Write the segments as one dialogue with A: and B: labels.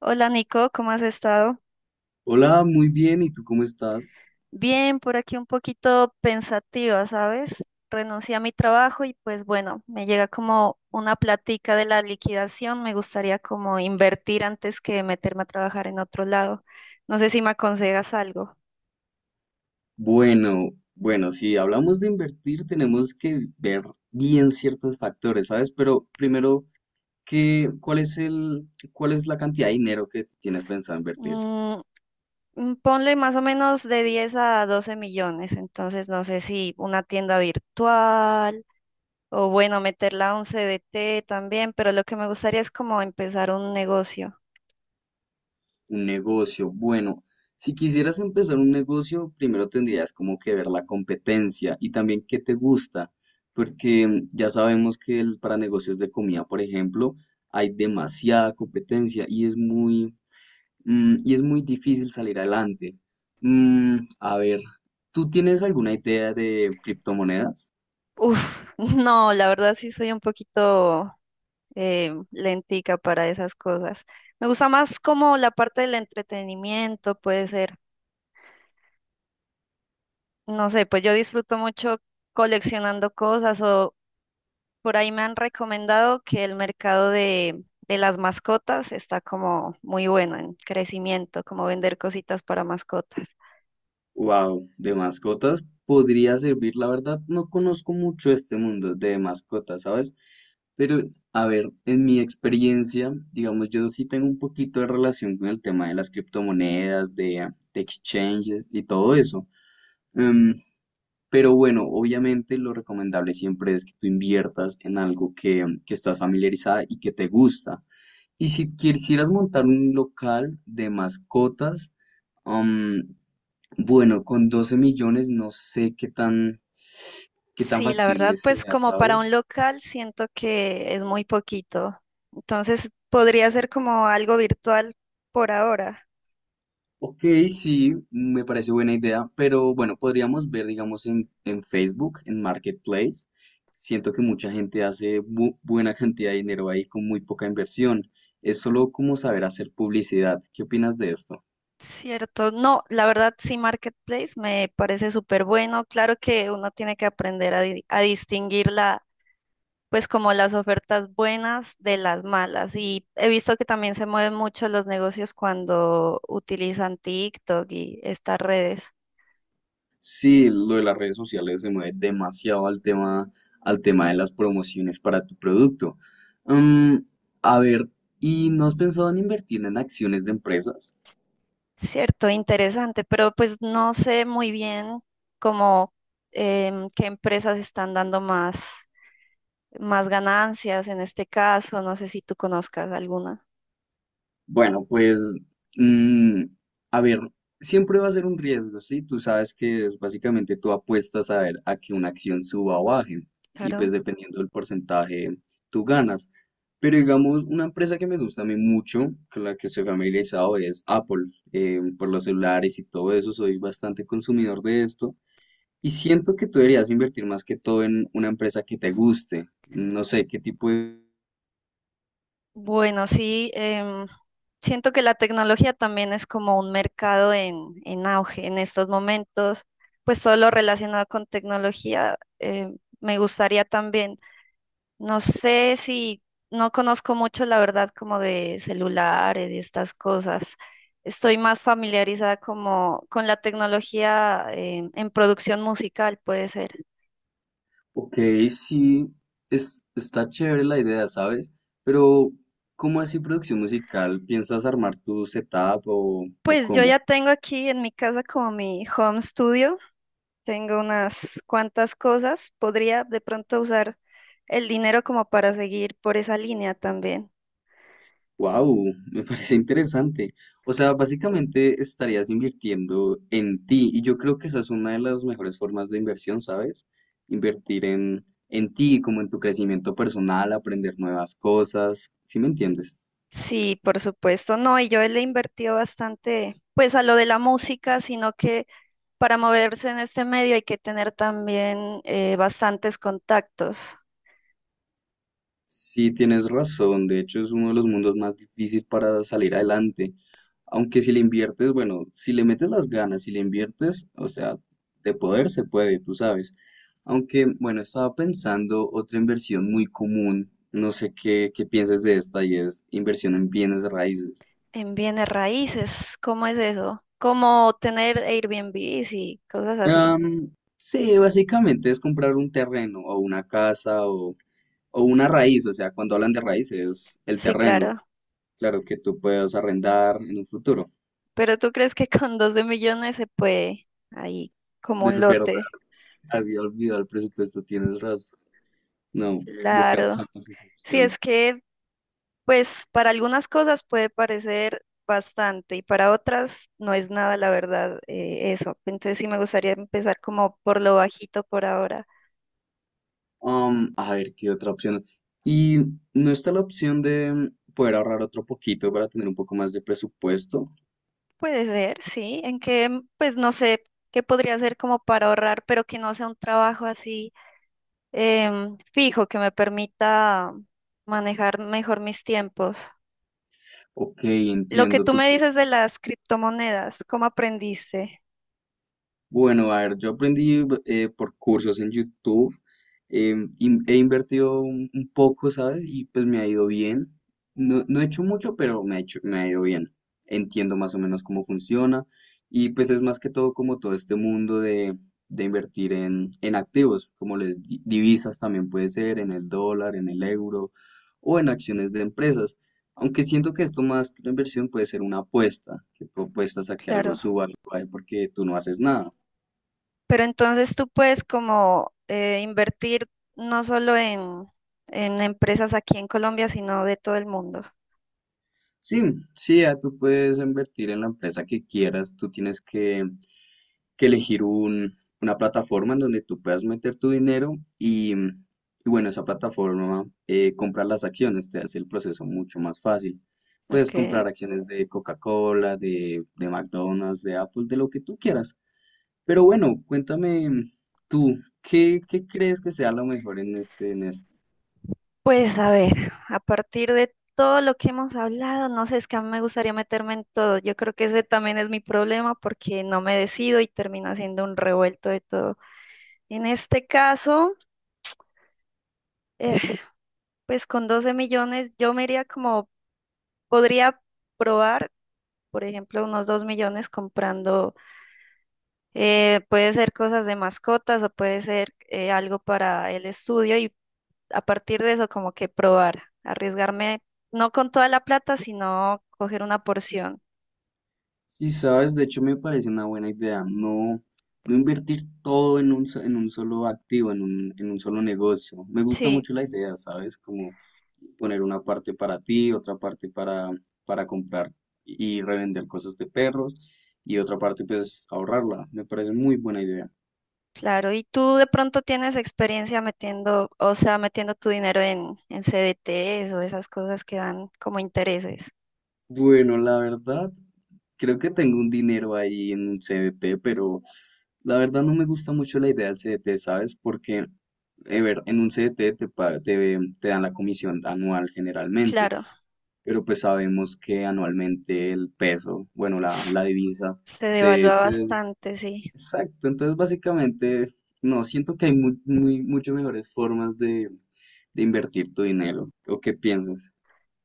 A: Hola Nico, ¿cómo has estado?
B: Hola, muy bien, ¿y tú cómo estás?
A: Bien, por aquí un poquito pensativa, ¿sabes? Renuncié a mi trabajo y pues bueno, me llega como una platica de la liquidación, me gustaría como invertir antes que meterme a trabajar en otro lado. No sé si me aconsejas algo.
B: Bueno, bueno, si hablamos de invertir, tenemos que ver bien ciertos factores, ¿sabes? Pero primero, ¿qué, cuál es el, cuál es la cantidad de dinero que tienes pensado invertir?
A: Mm, Ponle más o menos de 10 a 12 millones, entonces no sé si una tienda virtual o bueno, meterla a un CDT también, pero lo que me gustaría es como empezar un negocio.
B: Un negocio, bueno, si quisieras empezar un negocio, primero tendrías como que ver la competencia y también qué te gusta, porque ya sabemos que para negocios de comida, por ejemplo, hay demasiada competencia y es muy difícil salir adelante. A ver, ¿tú tienes alguna idea de criptomonedas?
A: Uf, no, la verdad sí soy un poquito lentica para esas cosas. Me gusta más como la parte del entretenimiento, puede ser. No sé, pues yo disfruto mucho coleccionando cosas o por ahí me han recomendado que el mercado de las mascotas está como muy bueno en crecimiento, como vender cositas para mascotas.
B: Wow, de mascotas podría servir, la verdad, no conozco mucho este mundo de mascotas, ¿sabes? Pero, a ver, en mi experiencia, digamos, yo sí tengo un poquito de relación con el tema de las criptomonedas, de exchanges y todo eso. Em, pero bueno, obviamente lo recomendable siempre es que tú inviertas en algo que estás familiarizada y que te gusta. Y si quisieras montar un local de mascotas, am, bueno, con 12 millones no sé qué tan
A: Sí, la verdad,
B: factible
A: pues
B: sea,
A: como para
B: ¿sabes?
A: un local siento que es muy poquito. Entonces podría ser como algo virtual por ahora,
B: Ok, sí, me parece buena idea, pero bueno, podríamos ver, digamos, en Facebook, en Marketplace. Siento que mucha gente hace buena cantidad de dinero ahí con muy poca inversión. Es solo como saber hacer publicidad. ¿Qué opinas de esto?
A: ¿cierto? No, la verdad sí, Marketplace me parece súper bueno. Claro que uno tiene que aprender a distinguir pues como las ofertas buenas de las malas. Y he visto que también se mueven mucho los negocios cuando utilizan TikTok y estas redes.
B: Sí, lo de las redes sociales se mueve demasiado al tema de las promociones para tu producto. Mm, a ver, ¿y no has pensado en invertir en acciones de empresas?
A: Cierto, interesante, pero pues no sé muy bien cómo qué empresas están dando más ganancias en este caso, no sé si tú conozcas alguna.
B: Bueno, pues, mm, a ver, siempre va a ser un riesgo, ¿sí? Tú sabes que es básicamente tú apuestas a ver a que una acción suba o baje y
A: Claro.
B: pues dependiendo del porcentaje tú ganas. Pero digamos, una empresa que me gusta a mí mucho, con la que estoy familiarizado, es Apple, por los celulares y todo eso, soy bastante consumidor de esto y siento que tú deberías invertir más que todo en una empresa que te guste. No sé qué tipo de.
A: Bueno, sí, em, siento que la tecnología también es como un mercado en auge en estos momentos, pues todo lo relacionado con tecnología, me gustaría también. No sé si no conozco mucho, la verdad, como de celulares y estas cosas. Estoy más familiarizada como con la tecnología en producción musical, puede ser.
B: Ok, sí, está chévere la idea, ¿sabes? Pero, ¿cómo así producción musical? ¿Piensas armar tu setup o
A: Pues yo
B: cómo?
A: ya tengo aquí en mi casa como mi home studio. Tengo unas cuantas cosas. Podría de pronto usar el dinero como para seguir por esa línea también.
B: Wow, me parece interesante. O sea, básicamente estarías invirtiendo en ti y yo creo que esa es una de las mejores formas de inversión, ¿sabes? Invertir en ti, como en tu crecimiento personal, aprender nuevas cosas, ¿sí me entiendes?
A: Sí, por supuesto, no, y yo le he invertido bastante, pues a lo de la música, sino que para moverse en este medio hay que tener también bastantes contactos
B: Sí, tienes razón. De hecho, es uno de los mundos más difíciles para salir adelante. Aunque si le inviertes, bueno, si le metes las ganas, si le inviertes, o sea, de poder se puede, tú sabes. Aunque, bueno, estaba pensando otra inversión muy común. No sé qué pienses de esta y es inversión en bienes raíces.
A: en bienes raíces. ¿Cómo es eso? Como tener Airbnbs y cosas así.
B: Am, sí, básicamente es comprar un terreno o una casa o una raíz. O sea, cuando hablan de raíces, el
A: Sí,
B: terreno.
A: claro.
B: Claro que tú puedes arrendar en un futuro.
A: Pero ¿tú crees que con 12 millones se puede ahí como un
B: Es verdad,
A: lote?
B: había olvidado el presupuesto, tienes razón. No,
A: Claro.
B: descartamos esa
A: Sí,
B: opción.
A: es que pues para algunas cosas puede parecer bastante y para otras no es nada, la verdad, eso. Entonces sí me gustaría empezar como por lo bajito por ahora.
B: Um A ver, ¿qué otra opción? ¿Y no está la opción de poder ahorrar otro poquito para tener un poco más de presupuesto?
A: Puede ser, sí, en que, mm, pues no sé qué podría ser como para ahorrar, pero que no sea un trabajo así fijo, que me permita manejar mejor mis tiempos.
B: Ok,
A: Lo que
B: entiendo.
A: tú
B: ¿Tú?
A: me dices de las criptomonedas, ¿cómo aprendiste?
B: Bueno, a ver, yo aprendí por cursos en YouTube, he invertido un poco, ¿sabes? Y pues me ha ido bien. No, no he hecho mucho, pero me ha ido bien. Entiendo más o menos cómo funciona y pues es más que todo como todo este mundo de invertir en activos, como divisas también puede ser, en el dólar, en el euro o en acciones de empresas. Aunque siento que esto más que una inversión puede ser una apuesta, que tú apuestas a que algo
A: Claro,
B: suba, algo baje, porque tú no haces nada.
A: pero entonces tú puedes como invertir no solo en empresas aquí en Colombia, sino de todo el mundo.
B: Sí, sí, ya tú puedes invertir en la empresa que quieras. Tú tienes que elegir una plataforma en donde tú puedas meter tu dinero y, mm, y bueno, esa plataforma comprar las acciones, te hace el proceso mucho más fácil. Puedes
A: Ok.
B: comprar acciones de Coca-Cola, de McDonald's, de Apple, de lo que tú quieras. Pero bueno, cuéntame tú, ¿qué crees que sea lo mejor en en este.
A: Pues a ver, a partir de todo lo que hemos hablado, no sé, es que a mí me gustaría meterme en todo. Yo creo que ese también es mi problema porque no me decido y termino haciendo un revuelto de todo. En este caso, eh, pues con 12 millones yo me iría como, podría probar, por ejemplo, unos 2 millones comprando, puede ser cosas de mascotas o puede ser algo para el estudio y a partir de eso como que probar, arriesgarme, no con toda la plata, sino coger una porción.
B: Y sabes, de hecho me parece una buena idea, no, no invertir todo en un solo activo, en un solo negocio. Me gusta
A: Sí,
B: mucho la idea, ¿sabes? Como poner una parte para ti, otra parte para comprar y revender cosas de perros y otra parte pues ahorrarla. Me parece muy buena idea.
A: claro. ¿Y tú de pronto tienes experiencia metiendo, o sea, metiendo tu dinero en CDTs o esas cosas que dan como intereses?
B: Bueno, la verdad, creo que tengo un dinero ahí en un CDT, pero la verdad no me gusta mucho la idea del CDT, ¿sabes? Porque, ver, en un CDT te dan la comisión anual generalmente,
A: Claro,
B: pero pues sabemos que anualmente el peso, bueno, la divisa,
A: se
B: se,
A: devalúa
B: se... des-
A: bastante, sí.
B: Exacto, entonces básicamente, no, siento que hay muchas mejores formas de invertir tu dinero. ¿O qué piensas?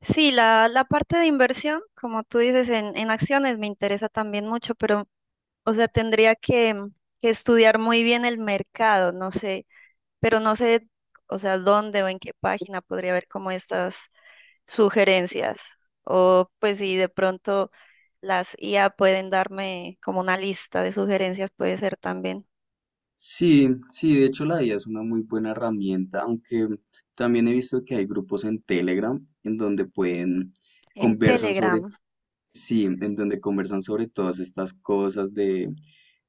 A: Sí, la parte de inversión, como tú dices, en acciones me interesa también mucho, pero, o sea, tendría que estudiar muy bien el mercado, no sé. Pero no sé, o sea, dónde o en qué página podría ver como estas sugerencias. O pues si de pronto las IA pueden darme como una lista de sugerencias, puede ser también
B: Sí, sí, de hecho la IA es una muy buena herramienta, aunque también he visto que hay grupos en Telegram en donde
A: en
B: conversan sobre,
A: Telegram.
B: sí, en donde conversan sobre todas estas cosas, de,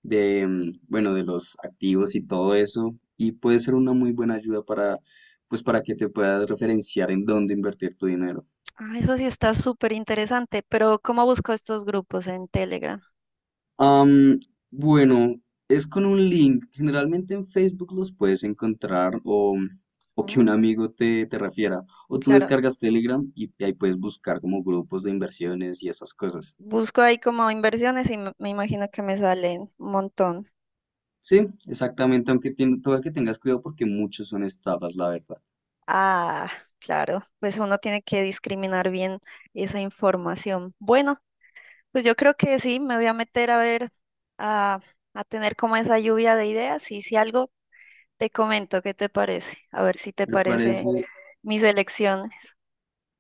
B: de, mm, bueno, de los activos y todo eso, y puede ser una muy buena ayuda para, pues, para que te puedas referenciar en dónde invertir tu dinero.
A: Ah, eso sí está súper interesante, pero ¿cómo busco estos grupos en Telegram?
B: Am, bueno, es con un link. Generalmente en Facebook los puedes encontrar o que
A: ¿Mm?
B: un amigo te refiera. O tú
A: Claro,
B: descargas Telegram y ahí puedes buscar como grupos de inversiones y esas cosas.
A: busco ahí como inversiones y me imagino que me salen un montón.
B: Sí, exactamente, aunque toca que tengas cuidado porque muchos son estafas, la verdad.
A: Ah, claro, pues uno tiene que discriminar bien esa información. Bueno. Pues yo creo que sí, me voy a meter a ver, a, a tener como esa lluvia de ideas y si algo te comento, ¿qué te parece? A ver si te
B: Me parece,
A: parece mis elecciones.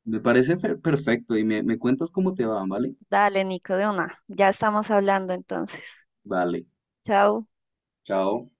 B: me parece perfecto y me cuentas cómo te va, ¿vale?
A: Dale, Nico, de una. Ya estamos hablando entonces.
B: Vale,
A: Chao.
B: chao.